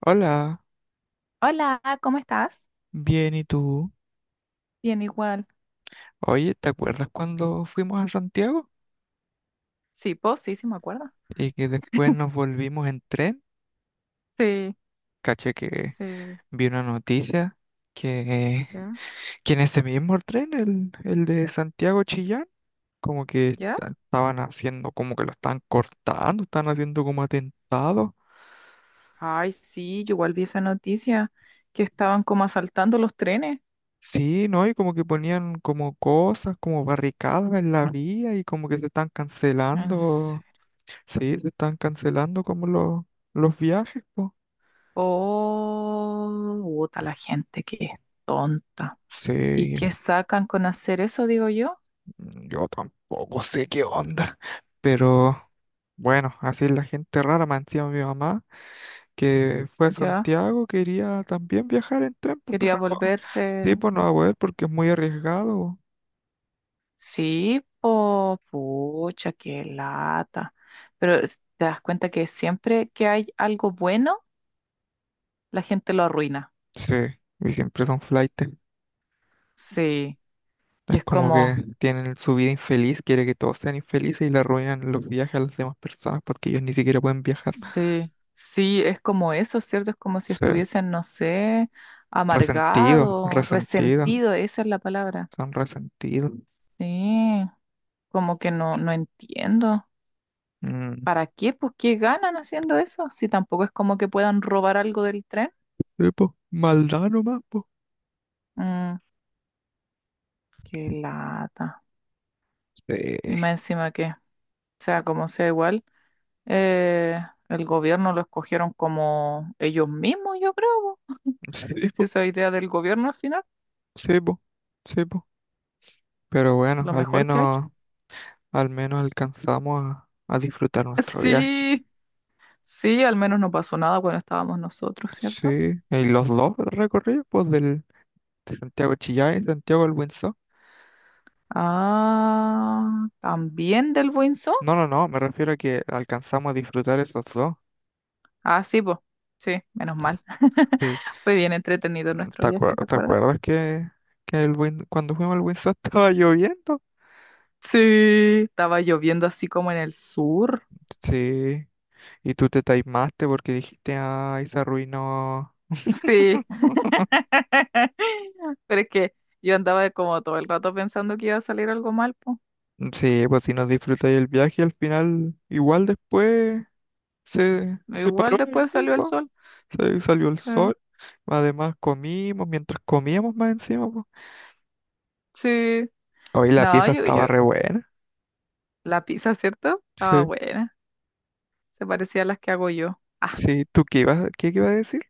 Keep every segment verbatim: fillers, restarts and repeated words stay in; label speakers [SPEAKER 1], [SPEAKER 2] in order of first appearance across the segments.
[SPEAKER 1] Hola,
[SPEAKER 2] Hola, ¿cómo estás?
[SPEAKER 1] bien, ¿y tú?
[SPEAKER 2] Bien, igual.
[SPEAKER 1] Oye, ¿te acuerdas cuando fuimos a Santiago?
[SPEAKER 2] Sí, vos sí, sí me acuerdo.
[SPEAKER 1] Y que después nos volvimos en tren.
[SPEAKER 2] Sí,
[SPEAKER 1] Caché que
[SPEAKER 2] sí,
[SPEAKER 1] vi una noticia que,
[SPEAKER 2] ya,
[SPEAKER 1] que en ese mismo tren, el, el de Santiago Chillán, como que
[SPEAKER 2] ya.
[SPEAKER 1] esta- estaban haciendo, como que lo están cortando, están haciendo como atentados.
[SPEAKER 2] Ay, sí, yo igual vi esa noticia que estaban como asaltando los trenes.
[SPEAKER 1] Sí, ¿no? Y como que ponían como cosas, como barricadas en la vía y como que se están
[SPEAKER 2] En se-
[SPEAKER 1] cancelando, sí, se están cancelando como los, los viajes, po.
[SPEAKER 2] Oh, puta, la gente que es tonta. ¿Y
[SPEAKER 1] Sí,
[SPEAKER 2] qué sacan con hacer eso, digo yo?
[SPEAKER 1] yo tampoco sé qué onda, pero bueno, así es la gente rara, me encima mi mamá, que fue a
[SPEAKER 2] Ya,
[SPEAKER 1] Santiago, quería también viajar en tren, pues,
[SPEAKER 2] quería
[SPEAKER 1] pero no,
[SPEAKER 2] volverse.
[SPEAKER 1] sí, pues no va a poder porque es muy arriesgado.
[SPEAKER 2] Sí, po, pucha, qué lata. Pero es- te das cuenta que siempre que hay algo bueno, la gente lo arruina.
[SPEAKER 1] Sí, y siempre son flaites.
[SPEAKER 2] Sí, y
[SPEAKER 1] Es
[SPEAKER 2] es
[SPEAKER 1] como que
[SPEAKER 2] como,
[SPEAKER 1] tienen su vida infeliz, quiere que todos sean infelices y le arruinan los viajes a las demás personas porque ellos ni siquiera pueden viajar.
[SPEAKER 2] sí, sí, es como eso, ¿cierto? Es como si
[SPEAKER 1] Sí,
[SPEAKER 2] estuviesen, no sé,
[SPEAKER 1] resentido,
[SPEAKER 2] amargado,
[SPEAKER 1] resentido,
[SPEAKER 2] resentido, esa es la palabra.
[SPEAKER 1] son resentidos.
[SPEAKER 2] Sí, como que no, no entiendo.
[SPEAKER 1] Mm.
[SPEAKER 2] ¿Para qué? Pues, ¿qué ganan haciendo eso? Si tampoco es como que puedan robar algo del tren.
[SPEAKER 1] Sí, pues, maldad nomás, po.
[SPEAKER 2] Mm, qué lata.
[SPEAKER 1] Sí,
[SPEAKER 2] Y más encima que, sea como sea igual, eh, el gobierno lo escogieron como ellos mismos, yo creo, po.
[SPEAKER 1] sí,
[SPEAKER 2] Si
[SPEAKER 1] po,
[SPEAKER 2] esa idea del gobierno al final,
[SPEAKER 1] sí, po, sí, po. Pero bueno,
[SPEAKER 2] lo
[SPEAKER 1] al
[SPEAKER 2] mejor que ha hecho.
[SPEAKER 1] menos, al menos alcanzamos a, a disfrutar nuestro viaje.
[SPEAKER 2] Sí, sí, al menos no pasó nada cuando estábamos nosotros, ¿cierto?
[SPEAKER 1] Sí, y los dos recorridos, pues, del, de Santiago de Chillán y Santiago del Windsor.
[SPEAKER 2] Ah, también del Buinzo.
[SPEAKER 1] No, no, no, me refiero a que alcanzamos a disfrutar esos dos.
[SPEAKER 2] Ah, sí, pues. Sí, menos mal.
[SPEAKER 1] Sí.
[SPEAKER 2] Fue bien entretenido nuestro
[SPEAKER 1] ¿Te acuer-
[SPEAKER 2] viaje, ¿te
[SPEAKER 1] te
[SPEAKER 2] acuerdas?
[SPEAKER 1] acuerdas que, que el Win- cuando fuimos al Windsor estaba lloviendo?
[SPEAKER 2] Sí, estaba lloviendo así como en el sur.
[SPEAKER 1] Sí, y tú te taimaste porque dijiste, ay, se arruinó.
[SPEAKER 2] Sí. Pero es que yo andaba como todo el rato pensando que iba a salir algo mal, pues.
[SPEAKER 1] Sí, pues si nos disfrutáis el viaje al final, igual después se, se paró
[SPEAKER 2] Igual
[SPEAKER 1] la
[SPEAKER 2] después
[SPEAKER 1] lluvia,
[SPEAKER 2] salió el
[SPEAKER 1] po.
[SPEAKER 2] sol.
[SPEAKER 1] Se- salió el
[SPEAKER 2] Sí.
[SPEAKER 1] sol, además comimos, mientras comíamos más encima, po.
[SPEAKER 2] Sí.
[SPEAKER 1] Hoy la
[SPEAKER 2] No,
[SPEAKER 1] pieza
[SPEAKER 2] yo, yo,
[SPEAKER 1] estaba re buena.
[SPEAKER 2] la pizza, ¿cierto? Ah,
[SPEAKER 1] Sí,
[SPEAKER 2] buena. Se parecía a las que hago yo. Ah,
[SPEAKER 1] sí, ¿tú qué ibas, qué ibas a decir?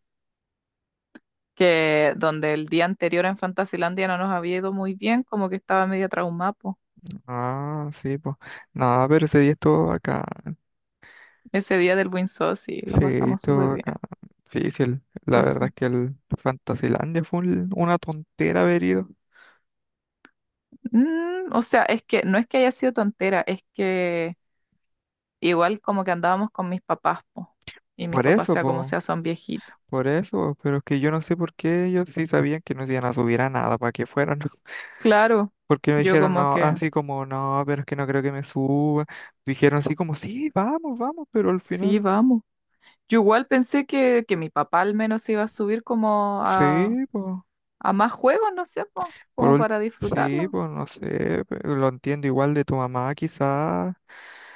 [SPEAKER 2] que donde el día anterior en Fantasilandia no nos había ido muy bien, como que estaba media traumada, po.
[SPEAKER 1] Ah, sí, pues. No, pero ese día estuvo acá.
[SPEAKER 2] Ese día del Win Sauce sí, lo
[SPEAKER 1] Sí,
[SPEAKER 2] pasamos súper
[SPEAKER 1] estuvo
[SPEAKER 2] bien.
[SPEAKER 1] acá. Sí, sí, el- la
[SPEAKER 2] Pues,
[SPEAKER 1] verdad es que el Fantasilandia fue un- una tontera haber ido.
[SPEAKER 2] mm, o sea, es que no es que haya sido tontera, es que igual como que andábamos con mis papás, po, y mis
[SPEAKER 1] Por
[SPEAKER 2] papás,
[SPEAKER 1] eso,
[SPEAKER 2] sea como
[SPEAKER 1] pues.
[SPEAKER 2] sea, son viejitos.
[SPEAKER 1] Por eso, pero es que yo no sé por qué ellos sí sabían que no se iban a subir a nada para que fueran.
[SPEAKER 2] Claro,
[SPEAKER 1] Porque me
[SPEAKER 2] yo
[SPEAKER 1] dijeron,
[SPEAKER 2] como
[SPEAKER 1] no,
[SPEAKER 2] que,
[SPEAKER 1] así como, no, pero es que no creo que me suba. Dijeron así como, sí, vamos, vamos, pero al
[SPEAKER 2] sí,
[SPEAKER 1] final,
[SPEAKER 2] vamos. Yo igual pensé que, que mi papá al menos se iba a subir como a,
[SPEAKER 1] sí, pues,
[SPEAKER 2] a más juegos, no sé, po,
[SPEAKER 1] por
[SPEAKER 2] como
[SPEAKER 1] ul-
[SPEAKER 2] para
[SPEAKER 1] sí,
[SPEAKER 2] disfrutarlo.
[SPEAKER 1] pues, no sé, pe- lo entiendo igual de tu mamá quizás,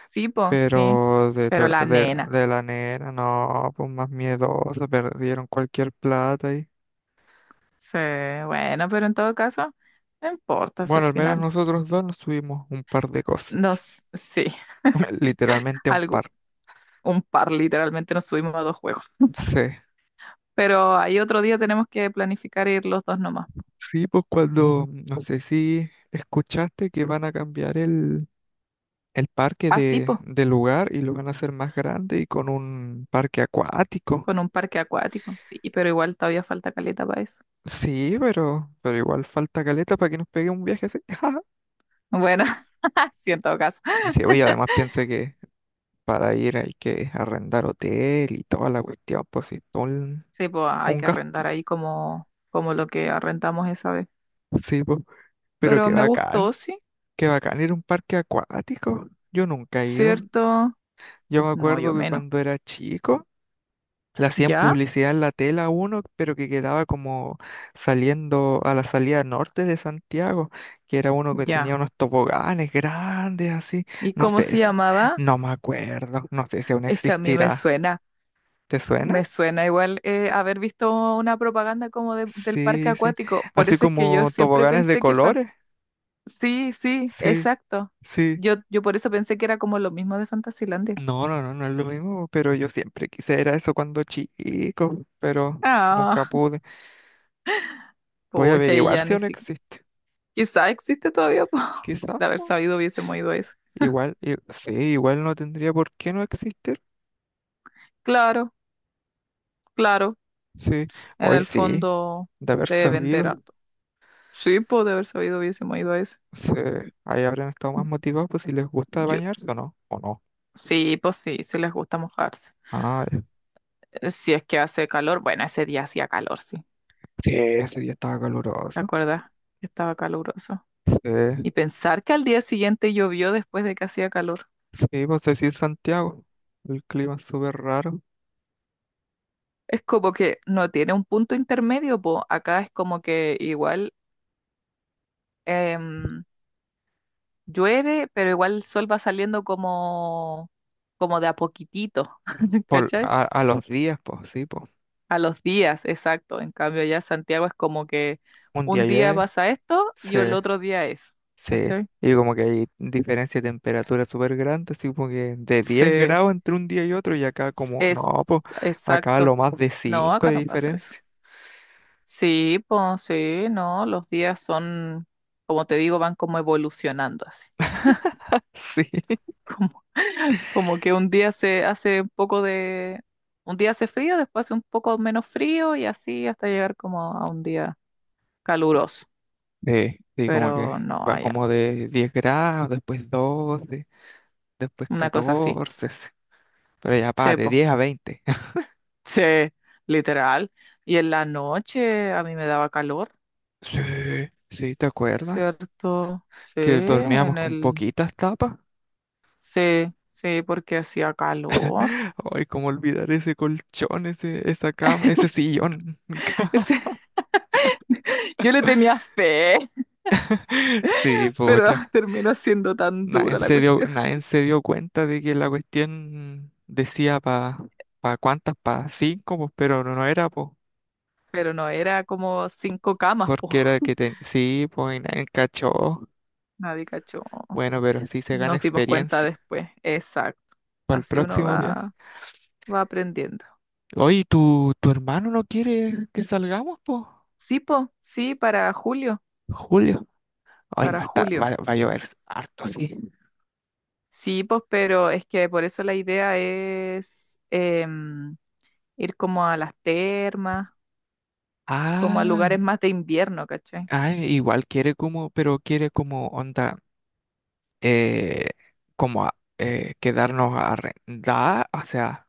[SPEAKER 2] Sí, po, sí.
[SPEAKER 1] pero de, tu-
[SPEAKER 2] Pero la
[SPEAKER 1] de,
[SPEAKER 2] nena,
[SPEAKER 1] de la nena, no, pues más miedosa, perdieron cualquier plata y...
[SPEAKER 2] sí, bueno, pero en todo caso, no importa si al
[SPEAKER 1] Bueno, al menos
[SPEAKER 2] final
[SPEAKER 1] nosotros dos nos subimos un par de cosas,
[SPEAKER 2] nos, sí,
[SPEAKER 1] literalmente un
[SPEAKER 2] algo,
[SPEAKER 1] par,
[SPEAKER 2] un par literalmente nos subimos a dos juegos.
[SPEAKER 1] sí.
[SPEAKER 2] Pero ahí otro día tenemos que planificar ir los dos nomás.
[SPEAKER 1] Sí, pues cuando, no sé si escuchaste que van a cambiar el, el parque
[SPEAKER 2] Ah, sí,
[SPEAKER 1] de,
[SPEAKER 2] po.
[SPEAKER 1] de lugar y lo van a hacer más grande y con un parque acuático.
[SPEAKER 2] Con un parque acuático, sí, pero igual todavía falta caleta para eso.
[SPEAKER 1] Sí, pero, pero igual falta caleta para que nos pegue un viaje así.
[SPEAKER 2] Bueno, sí, en todo caso.
[SPEAKER 1] Y sí, oye, además piensa que para ir hay que arrendar hotel y toda la cuestión, pues sí, todo un,
[SPEAKER 2] Sí, pues hay
[SPEAKER 1] un
[SPEAKER 2] que
[SPEAKER 1] gasto.
[SPEAKER 2] arrendar ahí como, como lo que arrendamos esa vez.
[SPEAKER 1] Sí, pues, pero
[SPEAKER 2] Pero
[SPEAKER 1] qué
[SPEAKER 2] me
[SPEAKER 1] bacán,
[SPEAKER 2] gustó, sí,
[SPEAKER 1] qué bacán ir a un parque acuático. Yo nunca he ido.
[SPEAKER 2] ¿cierto?
[SPEAKER 1] Yo me
[SPEAKER 2] No, yo
[SPEAKER 1] acuerdo que
[SPEAKER 2] menos.
[SPEAKER 1] cuando era chico le hacían
[SPEAKER 2] ¿Ya?
[SPEAKER 1] publicidad en la tela a uno, pero que quedaba como saliendo a la salida norte de Santiago, que era uno que tenía
[SPEAKER 2] Ya.
[SPEAKER 1] unos toboganes grandes así.
[SPEAKER 2] ¿Y
[SPEAKER 1] No
[SPEAKER 2] cómo
[SPEAKER 1] sé,
[SPEAKER 2] se
[SPEAKER 1] ese-
[SPEAKER 2] llamaba?
[SPEAKER 1] no me acuerdo, no sé si aún
[SPEAKER 2] Es que a mí me
[SPEAKER 1] existirá.
[SPEAKER 2] suena,
[SPEAKER 1] ¿Te suena?
[SPEAKER 2] me suena igual, eh, haber visto una propaganda como de- del parque
[SPEAKER 1] Sí, sí.
[SPEAKER 2] acuático. Por
[SPEAKER 1] Así
[SPEAKER 2] eso es que yo
[SPEAKER 1] como
[SPEAKER 2] siempre
[SPEAKER 1] toboganes de
[SPEAKER 2] pensé que... fan-
[SPEAKER 1] colores.
[SPEAKER 2] Sí, sí,
[SPEAKER 1] Sí,
[SPEAKER 2] exacto.
[SPEAKER 1] sí.
[SPEAKER 2] Yo, yo por eso pensé que era como lo mismo de Fantasilandia.
[SPEAKER 1] No, no, no, no es lo mismo, pero yo siempre quise era eso cuando chico, pero nunca
[SPEAKER 2] Ah.
[SPEAKER 1] pude. Voy a
[SPEAKER 2] Pucha, y
[SPEAKER 1] averiguar
[SPEAKER 2] ya
[SPEAKER 1] si
[SPEAKER 2] ni
[SPEAKER 1] aún
[SPEAKER 2] siquiera.
[SPEAKER 1] existe.
[SPEAKER 2] Quizá existe todavía, po.
[SPEAKER 1] Quizás.
[SPEAKER 2] De haber sabido hubiésemos ido a ese.
[SPEAKER 1] Igual, i- sí, igual no tendría por qué no existir.
[SPEAKER 2] Claro, claro.
[SPEAKER 1] Sí,
[SPEAKER 2] En
[SPEAKER 1] hoy
[SPEAKER 2] el
[SPEAKER 1] sí,
[SPEAKER 2] fondo
[SPEAKER 1] de haber
[SPEAKER 2] debe
[SPEAKER 1] sabido,
[SPEAKER 2] vender harto. Sí, pues de haber sabido hubiésemos ido a ese.
[SPEAKER 1] sí, ahí habrían estado más motivados, pues si les gusta
[SPEAKER 2] Yo,
[SPEAKER 1] bañarse o no, o no.
[SPEAKER 2] sí, pues sí, sí les gusta mojarse.
[SPEAKER 1] Ah, ya,
[SPEAKER 2] Eh, Si es que hace calor, bueno, ese día hacía calor, sí.
[SPEAKER 1] sí, ese día estaba
[SPEAKER 2] ¿Te
[SPEAKER 1] caluroso.
[SPEAKER 2] acuerdas? Estaba caluroso.
[SPEAKER 1] Sí,
[SPEAKER 2] Y pensar que al día siguiente llovió después de que hacía calor.
[SPEAKER 1] sí, pues sí, Santiago, el clima es súper raro.
[SPEAKER 2] Es como que no tiene un punto intermedio, pues acá es como que igual. em, Llueve, pero igual el sol va saliendo como, como de a poquitito,
[SPEAKER 1] Por,
[SPEAKER 2] ¿cachai?
[SPEAKER 1] a, a los días, pues sí, pues.
[SPEAKER 2] A los días, exacto. En cambio, ya Santiago es como que
[SPEAKER 1] Un día
[SPEAKER 2] un día
[SPEAKER 1] llueve,
[SPEAKER 2] pasa esto y
[SPEAKER 1] sí.
[SPEAKER 2] el otro día es,
[SPEAKER 1] Sí,
[SPEAKER 2] ¿cachai?
[SPEAKER 1] y como que hay diferencia de temperatura súper grande, así como que de diez
[SPEAKER 2] Sí,
[SPEAKER 1] grados entre un día y otro, y acá
[SPEAKER 2] s-
[SPEAKER 1] como, no, pues
[SPEAKER 2] es
[SPEAKER 1] acá lo
[SPEAKER 2] exacto.
[SPEAKER 1] más de
[SPEAKER 2] No,
[SPEAKER 1] cinco
[SPEAKER 2] acá
[SPEAKER 1] de
[SPEAKER 2] no pasa eso.
[SPEAKER 1] diferencia.
[SPEAKER 2] Sí, pues sí, no, los días son, como te digo, van como evolucionando así.
[SPEAKER 1] Sí,
[SPEAKER 2] Como que un día se hace un poco de, un día hace frío, después hace un poco menos frío y así hasta llegar como a un día caluroso.
[SPEAKER 1] eh, sí, como que
[SPEAKER 2] Pero no,
[SPEAKER 1] va
[SPEAKER 2] allá
[SPEAKER 1] como de diez grados, después doce después
[SPEAKER 2] no. Una cosa así.
[SPEAKER 1] catorce sí. Pero ya pa, de
[SPEAKER 2] Sepo. Sí, po.
[SPEAKER 1] diez a veinte.
[SPEAKER 2] Sí, literal. Y en la noche a mí me daba calor,
[SPEAKER 1] Sí, sí, ¿te acuerdas?
[SPEAKER 2] ¿cierto? Sí,
[SPEAKER 1] Que dormíamos
[SPEAKER 2] en
[SPEAKER 1] con
[SPEAKER 2] el,
[SPEAKER 1] poquitas tapas.
[SPEAKER 2] sí, sí, porque hacía calor.
[SPEAKER 1] Ay, cómo olvidar ese colchón, ese, esa cama, ese sillón.
[SPEAKER 2] Ese- yo le tenía fe,
[SPEAKER 1] Sí,
[SPEAKER 2] pero
[SPEAKER 1] pocha.
[SPEAKER 2] terminó siendo tan
[SPEAKER 1] Nadie
[SPEAKER 2] dura la
[SPEAKER 1] se dio,
[SPEAKER 2] cuestión.
[SPEAKER 1] nadie se dio cuenta de que la cuestión decía para pa pa cuántas, para cinco, pues, pero no, no era, pues,
[SPEAKER 2] Pero no, era como cinco camas, po.
[SPEAKER 1] porque era que ten- sí, pues, y nadie cachó.
[SPEAKER 2] Nadie cachó.
[SPEAKER 1] Bueno, pero sí se gana
[SPEAKER 2] Nos dimos cuenta
[SPEAKER 1] experiencia
[SPEAKER 2] después. Exacto.
[SPEAKER 1] para el
[SPEAKER 2] Así uno
[SPEAKER 1] próximo viaje.
[SPEAKER 2] va, va aprendiendo.
[SPEAKER 1] Oye, ¿tu, tu hermano no quiere que salgamos, pues?
[SPEAKER 2] Sí, po, sí, para julio,
[SPEAKER 1] Julio. Ay, va
[SPEAKER 2] para
[SPEAKER 1] a estar-
[SPEAKER 2] julio.
[SPEAKER 1] va, va a llover harto, sí.
[SPEAKER 2] Sí, pues, pero es que por eso la idea es em, ir como a las termas, como a
[SPEAKER 1] Ah,
[SPEAKER 2] lugares más de invierno, ¿cachai?
[SPEAKER 1] ah, igual quiere como, pero quiere como onda, eh, como a- eh, quedarnos a arrendar, o sea,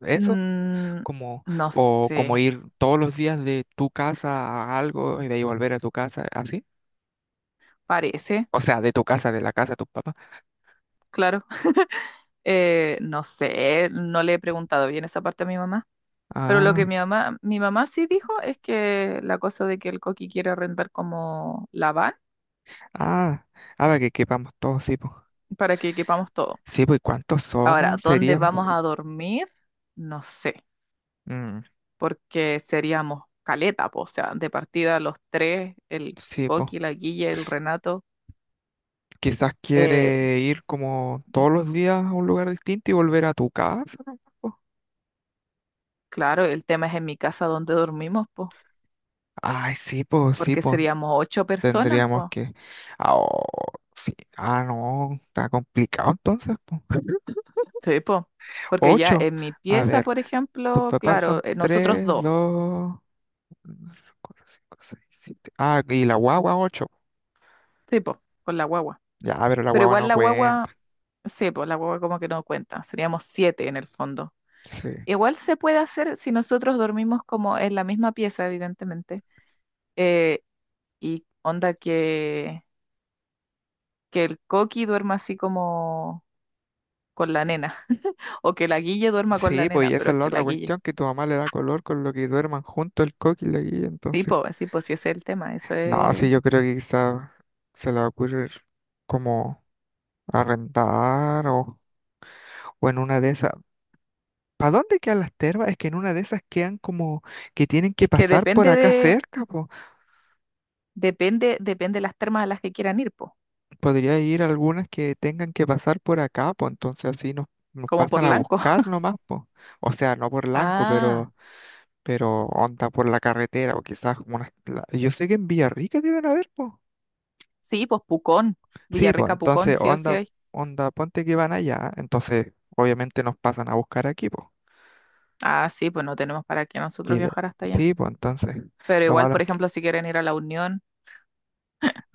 [SPEAKER 1] eso,
[SPEAKER 2] Mm,
[SPEAKER 1] como,
[SPEAKER 2] no
[SPEAKER 1] o como
[SPEAKER 2] sé,
[SPEAKER 1] ir todos los días de tu casa a algo y de ahí volver a tu casa, así.
[SPEAKER 2] parece,
[SPEAKER 1] O sea, de tu casa, de la casa de tus papás.
[SPEAKER 2] claro. Eh, no sé, no le he preguntado bien esa parte a mi mamá. Pero lo que
[SPEAKER 1] Ah,
[SPEAKER 2] mi mamá, mi mamá sí dijo es que la cosa de que el Coqui quiere rentar como la van
[SPEAKER 1] ah, ahora que quepamos todos, sí, pues.
[SPEAKER 2] para que equipamos todo.
[SPEAKER 1] Sí, pues, ¿cuántos
[SPEAKER 2] Ahora,
[SPEAKER 1] somos?
[SPEAKER 2] ¿dónde
[SPEAKER 1] Seríamos.
[SPEAKER 2] vamos a dormir? No sé,
[SPEAKER 1] Mm,
[SPEAKER 2] porque seríamos caleta, po, o sea, de partida los tres, el
[SPEAKER 1] sí, pues.
[SPEAKER 2] Coqui, la Guille, el Renato.
[SPEAKER 1] Quizás
[SPEAKER 2] eh,
[SPEAKER 1] quiere ir como
[SPEAKER 2] eh,
[SPEAKER 1] todos los días a un lugar distinto y volver a tu casa, ¿no? po.
[SPEAKER 2] claro, el tema es en mi casa donde dormimos, po,
[SPEAKER 1] Ay, sí, pues, sí,
[SPEAKER 2] porque
[SPEAKER 1] pues.
[SPEAKER 2] seríamos ocho personas,
[SPEAKER 1] Tendríamos
[SPEAKER 2] po.
[SPEAKER 1] que... Ah, oh, sí. Ah, no, está complicado entonces. Po.
[SPEAKER 2] Sí, po. Porque ya
[SPEAKER 1] Ocho.
[SPEAKER 2] en mi
[SPEAKER 1] A
[SPEAKER 2] pieza,
[SPEAKER 1] ver,
[SPEAKER 2] por
[SPEAKER 1] tus
[SPEAKER 2] ejemplo,
[SPEAKER 1] papás
[SPEAKER 2] claro,
[SPEAKER 1] son
[SPEAKER 2] eh, nosotros
[SPEAKER 1] tres,
[SPEAKER 2] dos,
[SPEAKER 1] dos, cuatro, cinco, seis, siete. Ah, y la guagua ocho.
[SPEAKER 2] tipo, con la guagua.
[SPEAKER 1] Ya, pero la
[SPEAKER 2] Pero
[SPEAKER 1] guagua
[SPEAKER 2] igual
[SPEAKER 1] no
[SPEAKER 2] la
[SPEAKER 1] cuenta.
[SPEAKER 2] guagua, sí, pues la guagua como que no cuenta, seríamos siete en el fondo.
[SPEAKER 1] Sí.
[SPEAKER 2] Igual se puede hacer si nosotros dormimos como en la misma pieza, evidentemente. eh, y onda que, que el coqui duerma así como con la nena, o que la guille duerma con la
[SPEAKER 1] Sí, pues
[SPEAKER 2] nena,
[SPEAKER 1] y esa
[SPEAKER 2] pero
[SPEAKER 1] es
[SPEAKER 2] es
[SPEAKER 1] la
[SPEAKER 2] que
[SPEAKER 1] otra
[SPEAKER 2] la guille.
[SPEAKER 1] cuestión, que tu mamá le da color con lo que duerman junto el coqui y la guilla,
[SPEAKER 2] Sí,
[SPEAKER 1] entonces.
[SPEAKER 2] pues, sí, pues sí, ese es el tema. Eso
[SPEAKER 1] No, sí,
[SPEAKER 2] es.
[SPEAKER 1] yo creo que quizás se le va a ocurrir como arrendar o, o en una de esas ¿para dónde quedan las termas? Es que en una de esas quedan como que tienen que
[SPEAKER 2] Es que
[SPEAKER 1] pasar por
[SPEAKER 2] depende
[SPEAKER 1] acá
[SPEAKER 2] de,
[SPEAKER 1] cerca, po.
[SPEAKER 2] depende, depende de las termas a las que quieran ir, pues.
[SPEAKER 1] Podría ir algunas que tengan que pasar por acá, pues entonces así nos, nos,
[SPEAKER 2] Como por
[SPEAKER 1] pasan a
[SPEAKER 2] Lanco.
[SPEAKER 1] buscar nomás, pues. O sea, no por Lanco,
[SPEAKER 2] Ah,
[SPEAKER 1] pero, pero onda por la carretera, o quizás como unas... la- yo sé que en Villarrica deben haber, pues.
[SPEAKER 2] sí, pues Pucón,
[SPEAKER 1] Sí, pues
[SPEAKER 2] Villarrica Pucón,
[SPEAKER 1] entonces
[SPEAKER 2] sí o sí
[SPEAKER 1] onda,
[SPEAKER 2] hay.
[SPEAKER 1] onda, ponte que van allá, entonces obviamente nos pasan a buscar aquí, pues.
[SPEAKER 2] Ah, sí, pues no tenemos para qué nosotros
[SPEAKER 1] Y de-
[SPEAKER 2] viajar hasta allá.
[SPEAKER 1] sí, pues entonces,
[SPEAKER 2] Pero
[SPEAKER 1] lo
[SPEAKER 2] igual,
[SPEAKER 1] malo
[SPEAKER 2] por
[SPEAKER 1] es que...
[SPEAKER 2] ejemplo, si quieren ir a la Unión,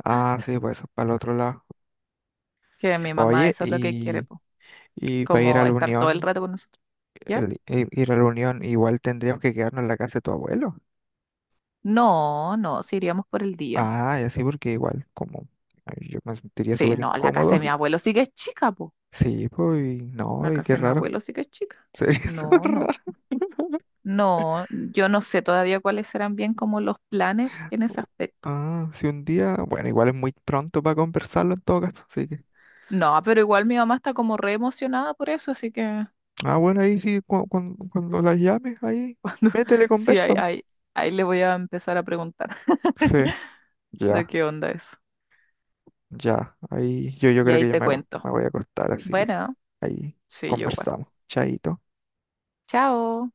[SPEAKER 1] Ah, sí, pues eso es para el otro lado.
[SPEAKER 2] que mi mamá
[SPEAKER 1] Oye,
[SPEAKER 2] eso es lo que quiere,
[SPEAKER 1] y...
[SPEAKER 2] pues,
[SPEAKER 1] Y para ir a
[SPEAKER 2] como
[SPEAKER 1] la
[SPEAKER 2] estar todo el
[SPEAKER 1] unión,
[SPEAKER 2] rato con nosotros. ¿Ya?
[SPEAKER 1] el- i- ir a la unión, igual tendríamos que quedarnos en la casa de tu abuelo.
[SPEAKER 2] No, no, si iríamos por el día.
[SPEAKER 1] Ah, y así porque igual, como ay, yo me sentiría
[SPEAKER 2] Sí,
[SPEAKER 1] súper
[SPEAKER 2] no, la casa
[SPEAKER 1] incómodo.
[SPEAKER 2] de mi abuelo sí que es chica, pues.
[SPEAKER 1] Sí, pues, y no,
[SPEAKER 2] La
[SPEAKER 1] y qué
[SPEAKER 2] casa de mi
[SPEAKER 1] raro.
[SPEAKER 2] abuelo sí que es chica.
[SPEAKER 1] Sería súper
[SPEAKER 2] No, no,
[SPEAKER 1] raro.
[SPEAKER 2] no, yo no sé todavía cuáles serán bien como los planes en ese aspecto.
[SPEAKER 1] Ah, si un día, bueno, igual es muy pronto para conversarlo en todo caso, así que.
[SPEAKER 2] No, pero igual mi mamá está como re emocionada por eso, así que
[SPEAKER 1] Ah, bueno, ahí sí, cu- cuan- cuando, las llames, ahí,
[SPEAKER 2] cuando
[SPEAKER 1] métele
[SPEAKER 2] sí, ahí,
[SPEAKER 1] conversa. Po.
[SPEAKER 2] ahí, ahí le voy a empezar a preguntar.
[SPEAKER 1] Sí,
[SPEAKER 2] De
[SPEAKER 1] ya,
[SPEAKER 2] qué onda eso.
[SPEAKER 1] ya, ahí yo, yo
[SPEAKER 2] Y
[SPEAKER 1] creo
[SPEAKER 2] ahí
[SPEAKER 1] que ya
[SPEAKER 2] te
[SPEAKER 1] me, voy- me
[SPEAKER 2] cuento.
[SPEAKER 1] voy a acostar, así que
[SPEAKER 2] Bueno,
[SPEAKER 1] ahí
[SPEAKER 2] sí, yo igual.
[SPEAKER 1] conversamos. Chaito.
[SPEAKER 2] Chao.